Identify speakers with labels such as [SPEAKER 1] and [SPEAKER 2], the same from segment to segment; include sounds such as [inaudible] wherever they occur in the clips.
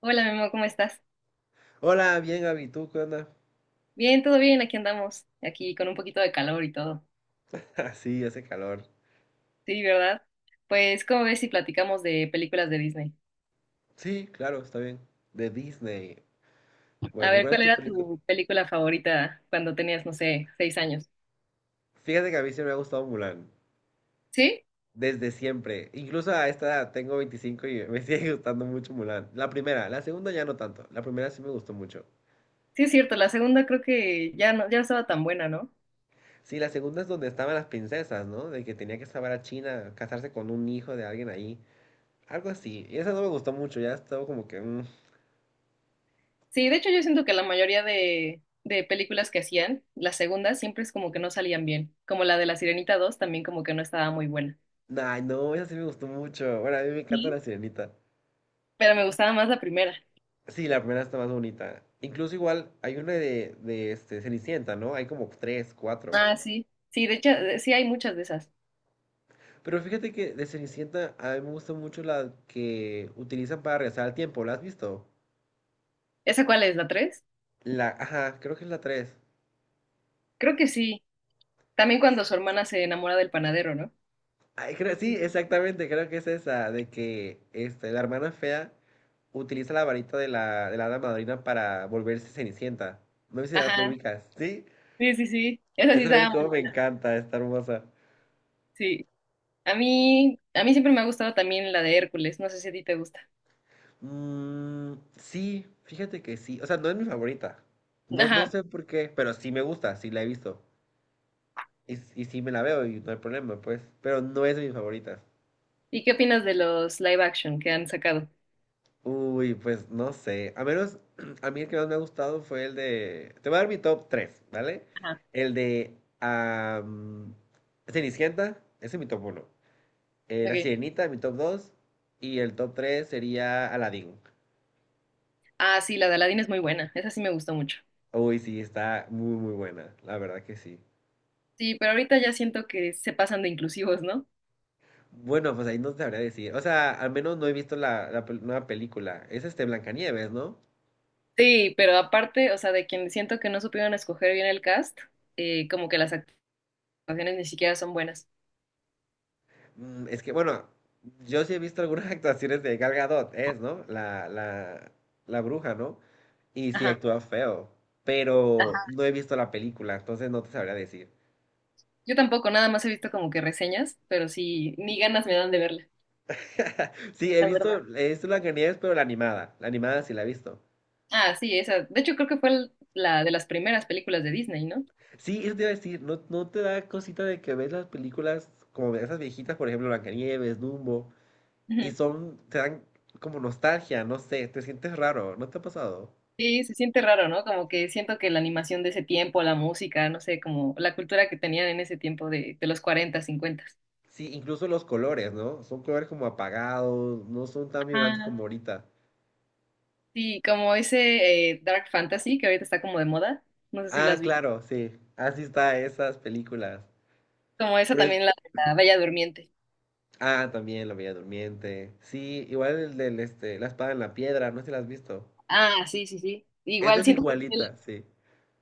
[SPEAKER 1] Hola, Memo, ¿cómo estás?
[SPEAKER 2] Hola, bien, Abby, ¿tú qué onda?
[SPEAKER 1] Bien, todo bien, aquí andamos, aquí con un poquito de calor y todo.
[SPEAKER 2] [laughs] Ah, sí, hace calor.
[SPEAKER 1] Sí, ¿verdad? Pues, ¿cómo ves si platicamos de películas de Disney?
[SPEAKER 2] Sí, claro, está bien. De Disney.
[SPEAKER 1] A
[SPEAKER 2] Bueno, ¿y
[SPEAKER 1] ver,
[SPEAKER 2] cuál es
[SPEAKER 1] ¿cuál
[SPEAKER 2] tu
[SPEAKER 1] era
[SPEAKER 2] película?
[SPEAKER 1] tu película favorita cuando tenías, no sé, 6 años?
[SPEAKER 2] Fíjate que a mí siempre me ha gustado Mulan.
[SPEAKER 1] Sí,
[SPEAKER 2] Desde siempre. Incluso a esta edad, tengo 25 y me [laughs] sigue gustando mucho Mulan. La primera, la segunda ya no tanto. La primera sí me gustó mucho.
[SPEAKER 1] sí es cierto, la segunda creo que ya no estaba tan buena, ¿no?
[SPEAKER 2] Sí, la segunda es donde estaban las princesas, ¿no? De que tenía que salvar a China, casarse con un hijo de alguien ahí. Algo así. Y esa no me gustó mucho, ya estaba como que.
[SPEAKER 1] Sí, de hecho yo siento que la mayoría de películas que hacían, las segundas siempre es como que no salían bien, como la de La Sirenita 2 también como que no estaba muy buena.
[SPEAKER 2] Ay, no, esa sí me gustó mucho. Bueno, a mí me encanta
[SPEAKER 1] Sí.
[SPEAKER 2] la sirenita.
[SPEAKER 1] Pero me gustaba más la primera.
[SPEAKER 2] Sí, la primera está más bonita. Incluso igual hay una de este, Cenicienta, ¿no? Hay como tres, cuatro.
[SPEAKER 1] Ah, sí, sí, de hecho, sí hay muchas de esas.
[SPEAKER 2] Pero fíjate que de Cenicienta a mí me gusta mucho la que utilizan para regresar al tiempo. ¿La has visto?
[SPEAKER 1] ¿Esa cuál es? ¿La tres?
[SPEAKER 2] Ajá, creo que es la tres.
[SPEAKER 1] Creo que sí. También cuando su hermana se enamora del panadero, ¿no?
[SPEAKER 2] Ay, sí, exactamente, creo que es esa, de que este, la hermana fea utiliza la varita de la hada madrina para volverse Cenicienta. No sé si lo
[SPEAKER 1] Ajá.
[SPEAKER 2] ubicas, ¿sí?
[SPEAKER 1] Sí, sí, sí. Esa sí
[SPEAKER 2] Esa
[SPEAKER 1] estaba
[SPEAKER 2] película
[SPEAKER 1] muy
[SPEAKER 2] me
[SPEAKER 1] buena.
[SPEAKER 2] encanta, está hermosa.
[SPEAKER 1] Sí. A mí siempre me ha gustado también la de Hércules. No sé si a ti te gusta.
[SPEAKER 2] Mm, sí, fíjate que sí. O sea, no es mi favorita. No, no
[SPEAKER 1] Ajá.
[SPEAKER 2] sé por qué, pero sí me gusta, sí la he visto. Y sí me la veo y no hay problema, pues. Pero no es de mis favoritas.
[SPEAKER 1] ¿Y qué opinas de los live action que han sacado?
[SPEAKER 2] Uy, pues no sé. A menos, [clears throat] a mí el que más me ha gustado fue el de... Te voy a dar mi top 3, ¿vale?
[SPEAKER 1] Ajá.
[SPEAKER 2] El de Cenicienta, ese es mi top uno. La
[SPEAKER 1] Ok.
[SPEAKER 2] Sirenita, mi top dos. Y el top 3 sería Aladdin.
[SPEAKER 1] Ah, sí, la de Aladdin es muy buena. Esa sí me gustó mucho.
[SPEAKER 2] Uy, sí, está muy, muy buena. La verdad que sí.
[SPEAKER 1] Sí, pero ahorita ya siento que se pasan de inclusivos, ¿no?
[SPEAKER 2] Bueno, pues ahí no te sabría decir. O sea, al menos no he visto la nueva película. Es este Blancanieves, ¿no?
[SPEAKER 1] Sí, pero aparte, o sea, de quien siento que no supieron escoger bien el cast, como que las actuaciones ni siquiera son buenas.
[SPEAKER 2] Es que, bueno, yo sí he visto algunas [laughs] actuaciones de Gal Gadot, es, ¿no? La bruja, ¿no? Y sí
[SPEAKER 1] Ajá.
[SPEAKER 2] actúa feo. Pero no he visto la película, entonces no te sabría decir.
[SPEAKER 1] Yo tampoco, nada más he visto como que reseñas, pero sí, ni ganas me dan de verla,
[SPEAKER 2] Sí, he
[SPEAKER 1] la verdad.
[SPEAKER 2] visto, he visto Blancanieves, pero la animada. La animada sí la he visto.
[SPEAKER 1] Ah, sí, esa. De hecho, creo que fue la de las primeras películas de Disney, ¿no?
[SPEAKER 2] Sí, eso te iba a decir, ¿no, no te da cosita de que ves las películas como esas viejitas, por ejemplo, Blancanieves, Dumbo? Y
[SPEAKER 1] Ujú.
[SPEAKER 2] son, te dan como nostalgia, no sé, te sientes raro, ¿no te ha pasado?
[SPEAKER 1] Sí, se siente raro, ¿no? Como que siento que la animación de ese tiempo, la música, no sé, como la cultura que tenían en ese tiempo de los 40, 50.
[SPEAKER 2] Sí, incluso los colores, ¿no? Son colores como apagados, no son tan vibrantes
[SPEAKER 1] Ajá.
[SPEAKER 2] como ahorita.
[SPEAKER 1] Sí, como ese Dark Fantasy que ahorita está como de moda. No sé si lo
[SPEAKER 2] Ah,
[SPEAKER 1] has visto.
[SPEAKER 2] claro, sí, así está esas películas.
[SPEAKER 1] Como esa
[SPEAKER 2] Por es-
[SPEAKER 1] también, la de la Bella Durmiente.
[SPEAKER 2] también La Bella Durmiente. Sí, igual el del, este, La Espada en la Piedra, no sé si la has visto.
[SPEAKER 1] Ah, sí, sí, sí.
[SPEAKER 2] Esta
[SPEAKER 1] Igual
[SPEAKER 2] es
[SPEAKER 1] siento que
[SPEAKER 2] igualita, sí.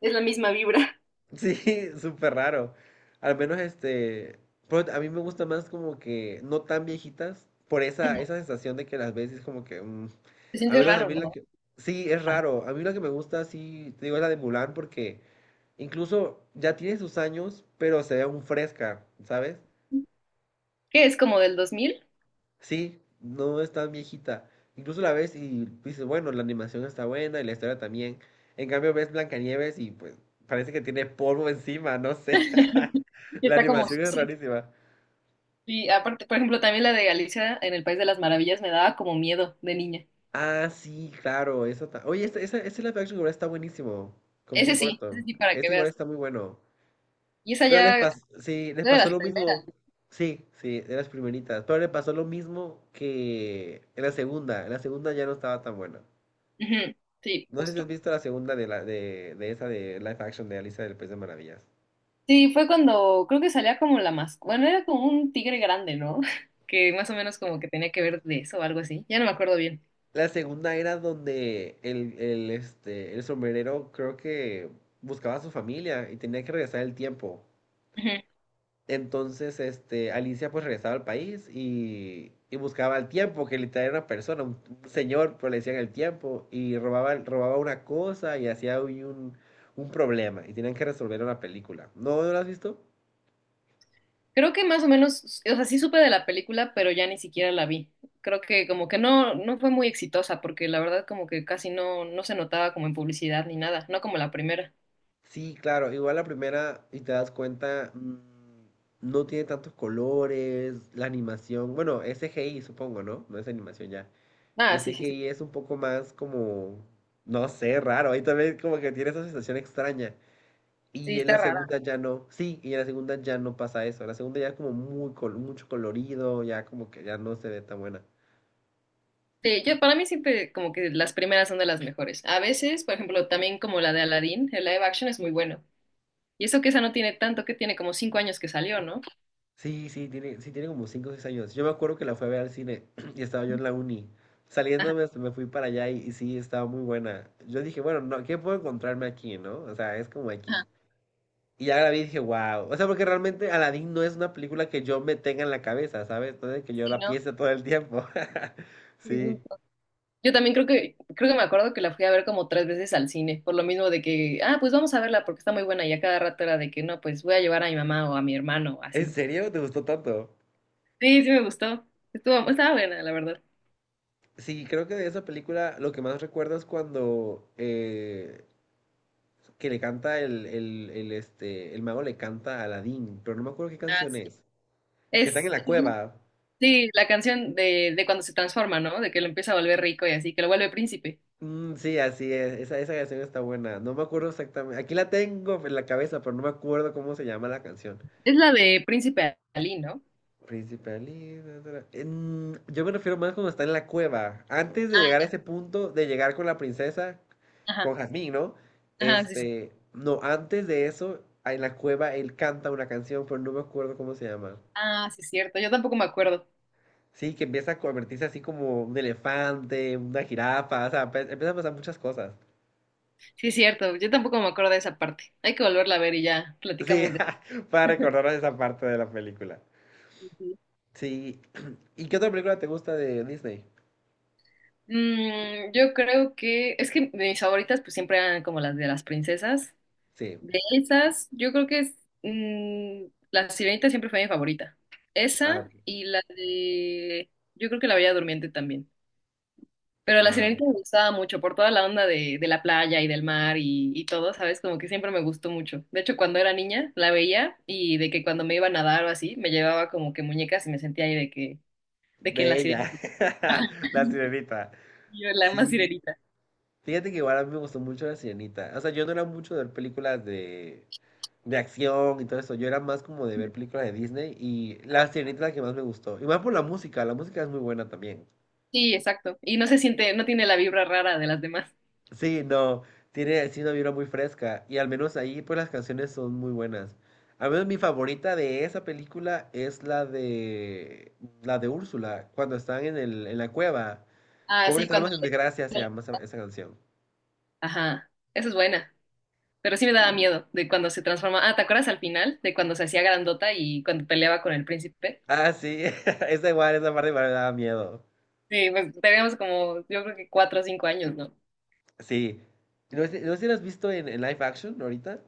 [SPEAKER 1] es la misma vibra.
[SPEAKER 2] Sí, [laughs] súper raro. Al menos este, pero a mí me gusta más como que no tan viejitas, por esa
[SPEAKER 1] [laughs]
[SPEAKER 2] sensación de que las ves y es como que,
[SPEAKER 1] Se
[SPEAKER 2] a
[SPEAKER 1] siente
[SPEAKER 2] menos a
[SPEAKER 1] raro,
[SPEAKER 2] mí la
[SPEAKER 1] ¿no?
[SPEAKER 2] que, sí, es
[SPEAKER 1] Ah,
[SPEAKER 2] raro. A mí la que me gusta, sí, te digo, es la de Mulan porque incluso ya tiene sus años, pero se ve aún fresca, ¿sabes?
[SPEAKER 1] que es como del 2000.
[SPEAKER 2] Sí, no es tan viejita. Incluso la ves y dices, bueno, la animación está buena y la historia también. En cambio ves Blancanieves y pues parece que tiene polvo [laughs] encima, no sé.
[SPEAKER 1] [laughs]
[SPEAKER 2] [laughs]
[SPEAKER 1] Y
[SPEAKER 2] La
[SPEAKER 1] está como
[SPEAKER 2] animación es
[SPEAKER 1] sucia.
[SPEAKER 2] rarísima.
[SPEAKER 1] Y aparte, por ejemplo, también la de Alicia en el País de las Maravillas me daba como miedo de niña.
[SPEAKER 2] Ah, sí, claro, oye, ese live action igual está buenísimo, con Tim Burton.
[SPEAKER 1] Ese sí, para que
[SPEAKER 2] Este igual
[SPEAKER 1] veas.
[SPEAKER 2] está muy bueno.
[SPEAKER 1] Y esa
[SPEAKER 2] Pero les
[SPEAKER 1] ya
[SPEAKER 2] pasó, sí, les
[SPEAKER 1] fue de
[SPEAKER 2] pasó
[SPEAKER 1] las
[SPEAKER 2] lo
[SPEAKER 1] primeras.
[SPEAKER 2] mismo. Sí, sí, de las primeritas. Pero le pasó lo mismo que en la segunda. En la segunda ya no estaba tan buena.
[SPEAKER 1] Ujú. Sí,
[SPEAKER 2] No sé si has
[SPEAKER 1] justo.
[SPEAKER 2] visto la segunda de esa de live action de Alicia del País de Maravillas.
[SPEAKER 1] Sí, fue cuando creo que salía como la más. Bueno, era como un tigre grande, ¿no? [laughs] Que más o menos como que tenía que ver de eso o algo así. Ya no me acuerdo bien.
[SPEAKER 2] La segunda era donde el sombrerero, creo que buscaba a su familia y tenía que regresar el tiempo. Entonces, este, Alicia pues regresaba al país y buscaba el tiempo, que literal era una persona, un señor, pero le decían el tiempo, y robaba una cosa y hacía un problema, y tenían que resolverlo en la película. ¿No, no la has visto?
[SPEAKER 1] Creo que más o menos, o sea, sí supe de la película, pero ya ni siquiera la vi. Creo que como que no, no fue muy exitosa, porque la verdad como que casi no, no se notaba como en publicidad ni nada, no como la primera.
[SPEAKER 2] Sí, claro, igual la primera, y te das cuenta, no tiene tantos colores, la animación, bueno, es CGI, supongo, ¿no? No es animación ya.
[SPEAKER 1] Ah,
[SPEAKER 2] El C
[SPEAKER 1] sí,
[SPEAKER 2] G
[SPEAKER 1] sí, sí.
[SPEAKER 2] I es un poco más como, no sé, raro, ahí también como que tiene esa sensación extraña.
[SPEAKER 1] Sí,
[SPEAKER 2] Y en
[SPEAKER 1] está
[SPEAKER 2] la
[SPEAKER 1] rara.
[SPEAKER 2] segunda ya no, sí, y en la segunda ya no pasa eso. La segunda ya es como mucho colorido, ya como que ya no se ve tan buena.
[SPEAKER 1] Sí, yo para mí siempre como que las primeras son de las mejores. A veces, por ejemplo, también como la de Aladdin, el live action es muy bueno. Y eso que esa no tiene tanto, que tiene como 5 años que salió, ¿no?
[SPEAKER 2] Sí, sí, sí, tiene como 5 o 6 años. Yo me acuerdo que la fui a ver al cine [clears throat] y estaba yo en la uni.
[SPEAKER 1] Ajá,
[SPEAKER 2] Saliéndome hasta me fui para allá y sí, estaba muy buena. Yo dije, bueno, no, ¿qué puedo encontrarme aquí, no? O sea, es como X.
[SPEAKER 1] ajá.
[SPEAKER 2] Y ya la vi y dije, wow. O sea, porque realmente Aladdin no es una película que yo me tenga en la cabeza, ¿sabes? No es de que yo
[SPEAKER 1] Sí,
[SPEAKER 2] la piense todo el tiempo. [laughs] Sí.
[SPEAKER 1] ¿no? Yo también creo que, me acuerdo que la fui a ver como 3 veces al cine, por lo mismo de que, ah, pues vamos a verla porque está muy buena y a cada rato era de que no, pues voy a llevar a mi mamá o a mi hermano, o
[SPEAKER 2] ¿En
[SPEAKER 1] así.
[SPEAKER 2] serio? ¿Te gustó tanto?
[SPEAKER 1] Sí, sí me gustó. Estaba buena, la verdad.
[SPEAKER 2] Sí, creo que de esa película lo que más recuerdo es cuando que le canta el mago le canta a Aladdin, pero no me acuerdo qué
[SPEAKER 1] Ah,
[SPEAKER 2] canción
[SPEAKER 1] sí.
[SPEAKER 2] es. Que están
[SPEAKER 1] Es,
[SPEAKER 2] en la cueva.
[SPEAKER 1] sí, la canción de cuando se transforma, ¿no? De que lo empieza a volver rico y así, que lo vuelve príncipe.
[SPEAKER 2] Mm, sí, así es. Esa canción está buena. No me acuerdo exactamente. Aquí la tengo en la cabeza, pero no me acuerdo cómo se llama la canción.
[SPEAKER 1] Es la de Príncipe Ali, ¿no?
[SPEAKER 2] Príncipe da, da, da. Yo me refiero más cuando está en la cueva. Antes de
[SPEAKER 1] Ah,
[SPEAKER 2] llegar a
[SPEAKER 1] ya.
[SPEAKER 2] ese punto, de llegar con la princesa,
[SPEAKER 1] Ajá,
[SPEAKER 2] con Jazmín, ¿no?
[SPEAKER 1] ajá, sí, sí.
[SPEAKER 2] Este, no, antes de eso, en la cueva él canta una canción, pero no me acuerdo cómo se llama.
[SPEAKER 1] Ah, sí, es cierto. Yo tampoco me acuerdo.
[SPEAKER 2] Sí, que empieza a convertirse así como un elefante, una jirafa, o sea, empiezan a pasar muchas cosas.
[SPEAKER 1] Sí, es cierto. Yo tampoco me acuerdo de esa parte. Hay que volverla a ver y ya
[SPEAKER 2] Sí,
[SPEAKER 1] platicamos de
[SPEAKER 2] [laughs] para recordarnos esa parte de la película.
[SPEAKER 1] eso.
[SPEAKER 2] Sí. [clears throat] ¿Y qué otra película te gusta de Disney?
[SPEAKER 1] Yo creo que es que mis favoritas pues siempre eran como las de las princesas.
[SPEAKER 2] Sí.
[SPEAKER 1] De esas, yo creo que la Sirenita siempre fue mi favorita.
[SPEAKER 2] Ah, ok.
[SPEAKER 1] Esa y la de, yo creo que la Bella Durmiente también. Pero la
[SPEAKER 2] Ah,
[SPEAKER 1] Sirenita me gustaba mucho por toda la onda de la playa y del mar y todo, ¿sabes? Como que siempre me gustó mucho. De hecho, cuando era niña la veía y de que cuando me iba a nadar o así, me llevaba como que muñecas y me sentía ahí de que en la
[SPEAKER 2] Bella,
[SPEAKER 1] Sirenita,
[SPEAKER 2] [laughs] la
[SPEAKER 1] [laughs]
[SPEAKER 2] sirenita.
[SPEAKER 1] yo la más
[SPEAKER 2] Sí,
[SPEAKER 1] Sirenita.
[SPEAKER 2] fíjate que igual a mí me gustó mucho la sirenita. O sea, yo no era mucho de ver películas de acción y todo eso. Yo era más como de ver películas de Disney y la sirenita es la que más me gustó. Y más por la música es muy buena también.
[SPEAKER 1] Sí, exacto. Y no se siente, no tiene la vibra rara de las demás.
[SPEAKER 2] Sí, no, tiene sí una vibra muy fresca y al menos ahí pues las canciones son muy buenas. Al menos mi favorita de esa película es la de Úrsula, cuando están en la cueva.
[SPEAKER 1] Ah, sí,
[SPEAKER 2] Pobres
[SPEAKER 1] cuando
[SPEAKER 2] almas en
[SPEAKER 1] le...
[SPEAKER 2] desgracia se llama esa canción.
[SPEAKER 1] Ajá, esa es buena. Pero sí me daba miedo de cuando se transforma. Ah, ¿te acuerdas al final de cuando se hacía grandota y cuando peleaba con el príncipe?
[SPEAKER 2] Ah, sí, [laughs] esa igual, esa parte igual me daba miedo.
[SPEAKER 1] Sí, pues teníamos como, yo creo que 4 o 5 años, ¿no?
[SPEAKER 2] Sí. No sé si lo has visto en live action ahorita.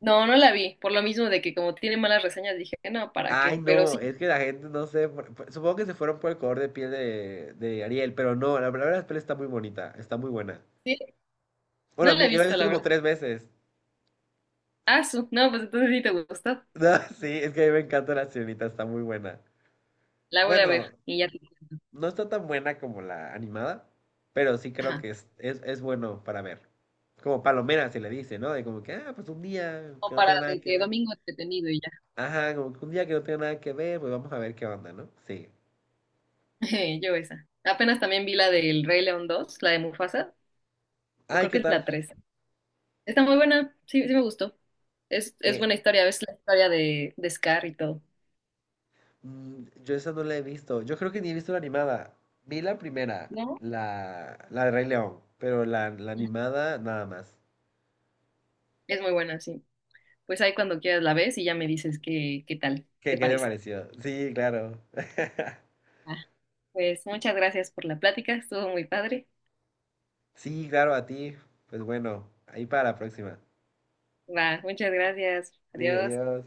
[SPEAKER 1] No, no la vi. Por lo mismo de que como tiene malas reseñas, dije, no, ¿para
[SPEAKER 2] Ay,
[SPEAKER 1] qué? Pero
[SPEAKER 2] no,
[SPEAKER 1] sí,
[SPEAKER 2] es que la gente no sé. Supongo que se fueron por el color de piel de Ariel, pero no, la verdad la piel está muy bonita, está muy buena.
[SPEAKER 1] sí,
[SPEAKER 2] Bueno,
[SPEAKER 1] no
[SPEAKER 2] a
[SPEAKER 1] la
[SPEAKER 2] mí,
[SPEAKER 1] he
[SPEAKER 2] yo la he
[SPEAKER 1] visto,
[SPEAKER 2] visto
[SPEAKER 1] la
[SPEAKER 2] como
[SPEAKER 1] verdad.
[SPEAKER 2] tres veces. [laughs]
[SPEAKER 1] Ah, no, pues entonces sí te gustó.
[SPEAKER 2] No, sí, es que a mí me encanta la sirenita, está muy buena.
[SPEAKER 1] La voy a ver
[SPEAKER 2] Bueno,
[SPEAKER 1] y ya te cuento.
[SPEAKER 2] no está tan buena como la animada, pero sí creo
[SPEAKER 1] Ajá.
[SPEAKER 2] que es bueno para ver. Como palomera se le dice, ¿no? De como que, pues un día que
[SPEAKER 1] Como
[SPEAKER 2] no
[SPEAKER 1] para
[SPEAKER 2] tenga nada
[SPEAKER 1] de
[SPEAKER 2] que
[SPEAKER 1] que
[SPEAKER 2] ver.
[SPEAKER 1] domingo entretenido y ya.
[SPEAKER 2] Ajá, como que un día que no tenga nada que ver, pues vamos a ver qué onda, ¿no? Sí.
[SPEAKER 1] [laughs] Yo esa. Apenas también vi la del Rey León 2, la de Mufasa, o
[SPEAKER 2] Ay,
[SPEAKER 1] creo
[SPEAKER 2] ¿qué
[SPEAKER 1] que es
[SPEAKER 2] tal?
[SPEAKER 1] la tres. Está muy buena, sí, sí me gustó. Es
[SPEAKER 2] Eh,
[SPEAKER 1] buena historia, ves la historia de Scar y todo.
[SPEAKER 2] yo esa no la he visto. Yo creo que ni he visto la animada. Vi la primera,
[SPEAKER 1] ¿No?
[SPEAKER 2] la de Rey León, pero la animada nada más.
[SPEAKER 1] Es muy buena, sí. Pues ahí cuando quieras la ves y ya me dices qué, tal
[SPEAKER 2] ¿Qué,
[SPEAKER 1] te
[SPEAKER 2] qué te
[SPEAKER 1] parece.
[SPEAKER 2] pareció? Sí, claro. [laughs]
[SPEAKER 1] Ah, pues muchas gracias por la plática, estuvo muy padre.
[SPEAKER 2] Sí, claro, a ti. Pues bueno, ahí para la próxima.
[SPEAKER 1] Va, muchas gracias.
[SPEAKER 2] Sí,
[SPEAKER 1] Adiós.
[SPEAKER 2] adiós.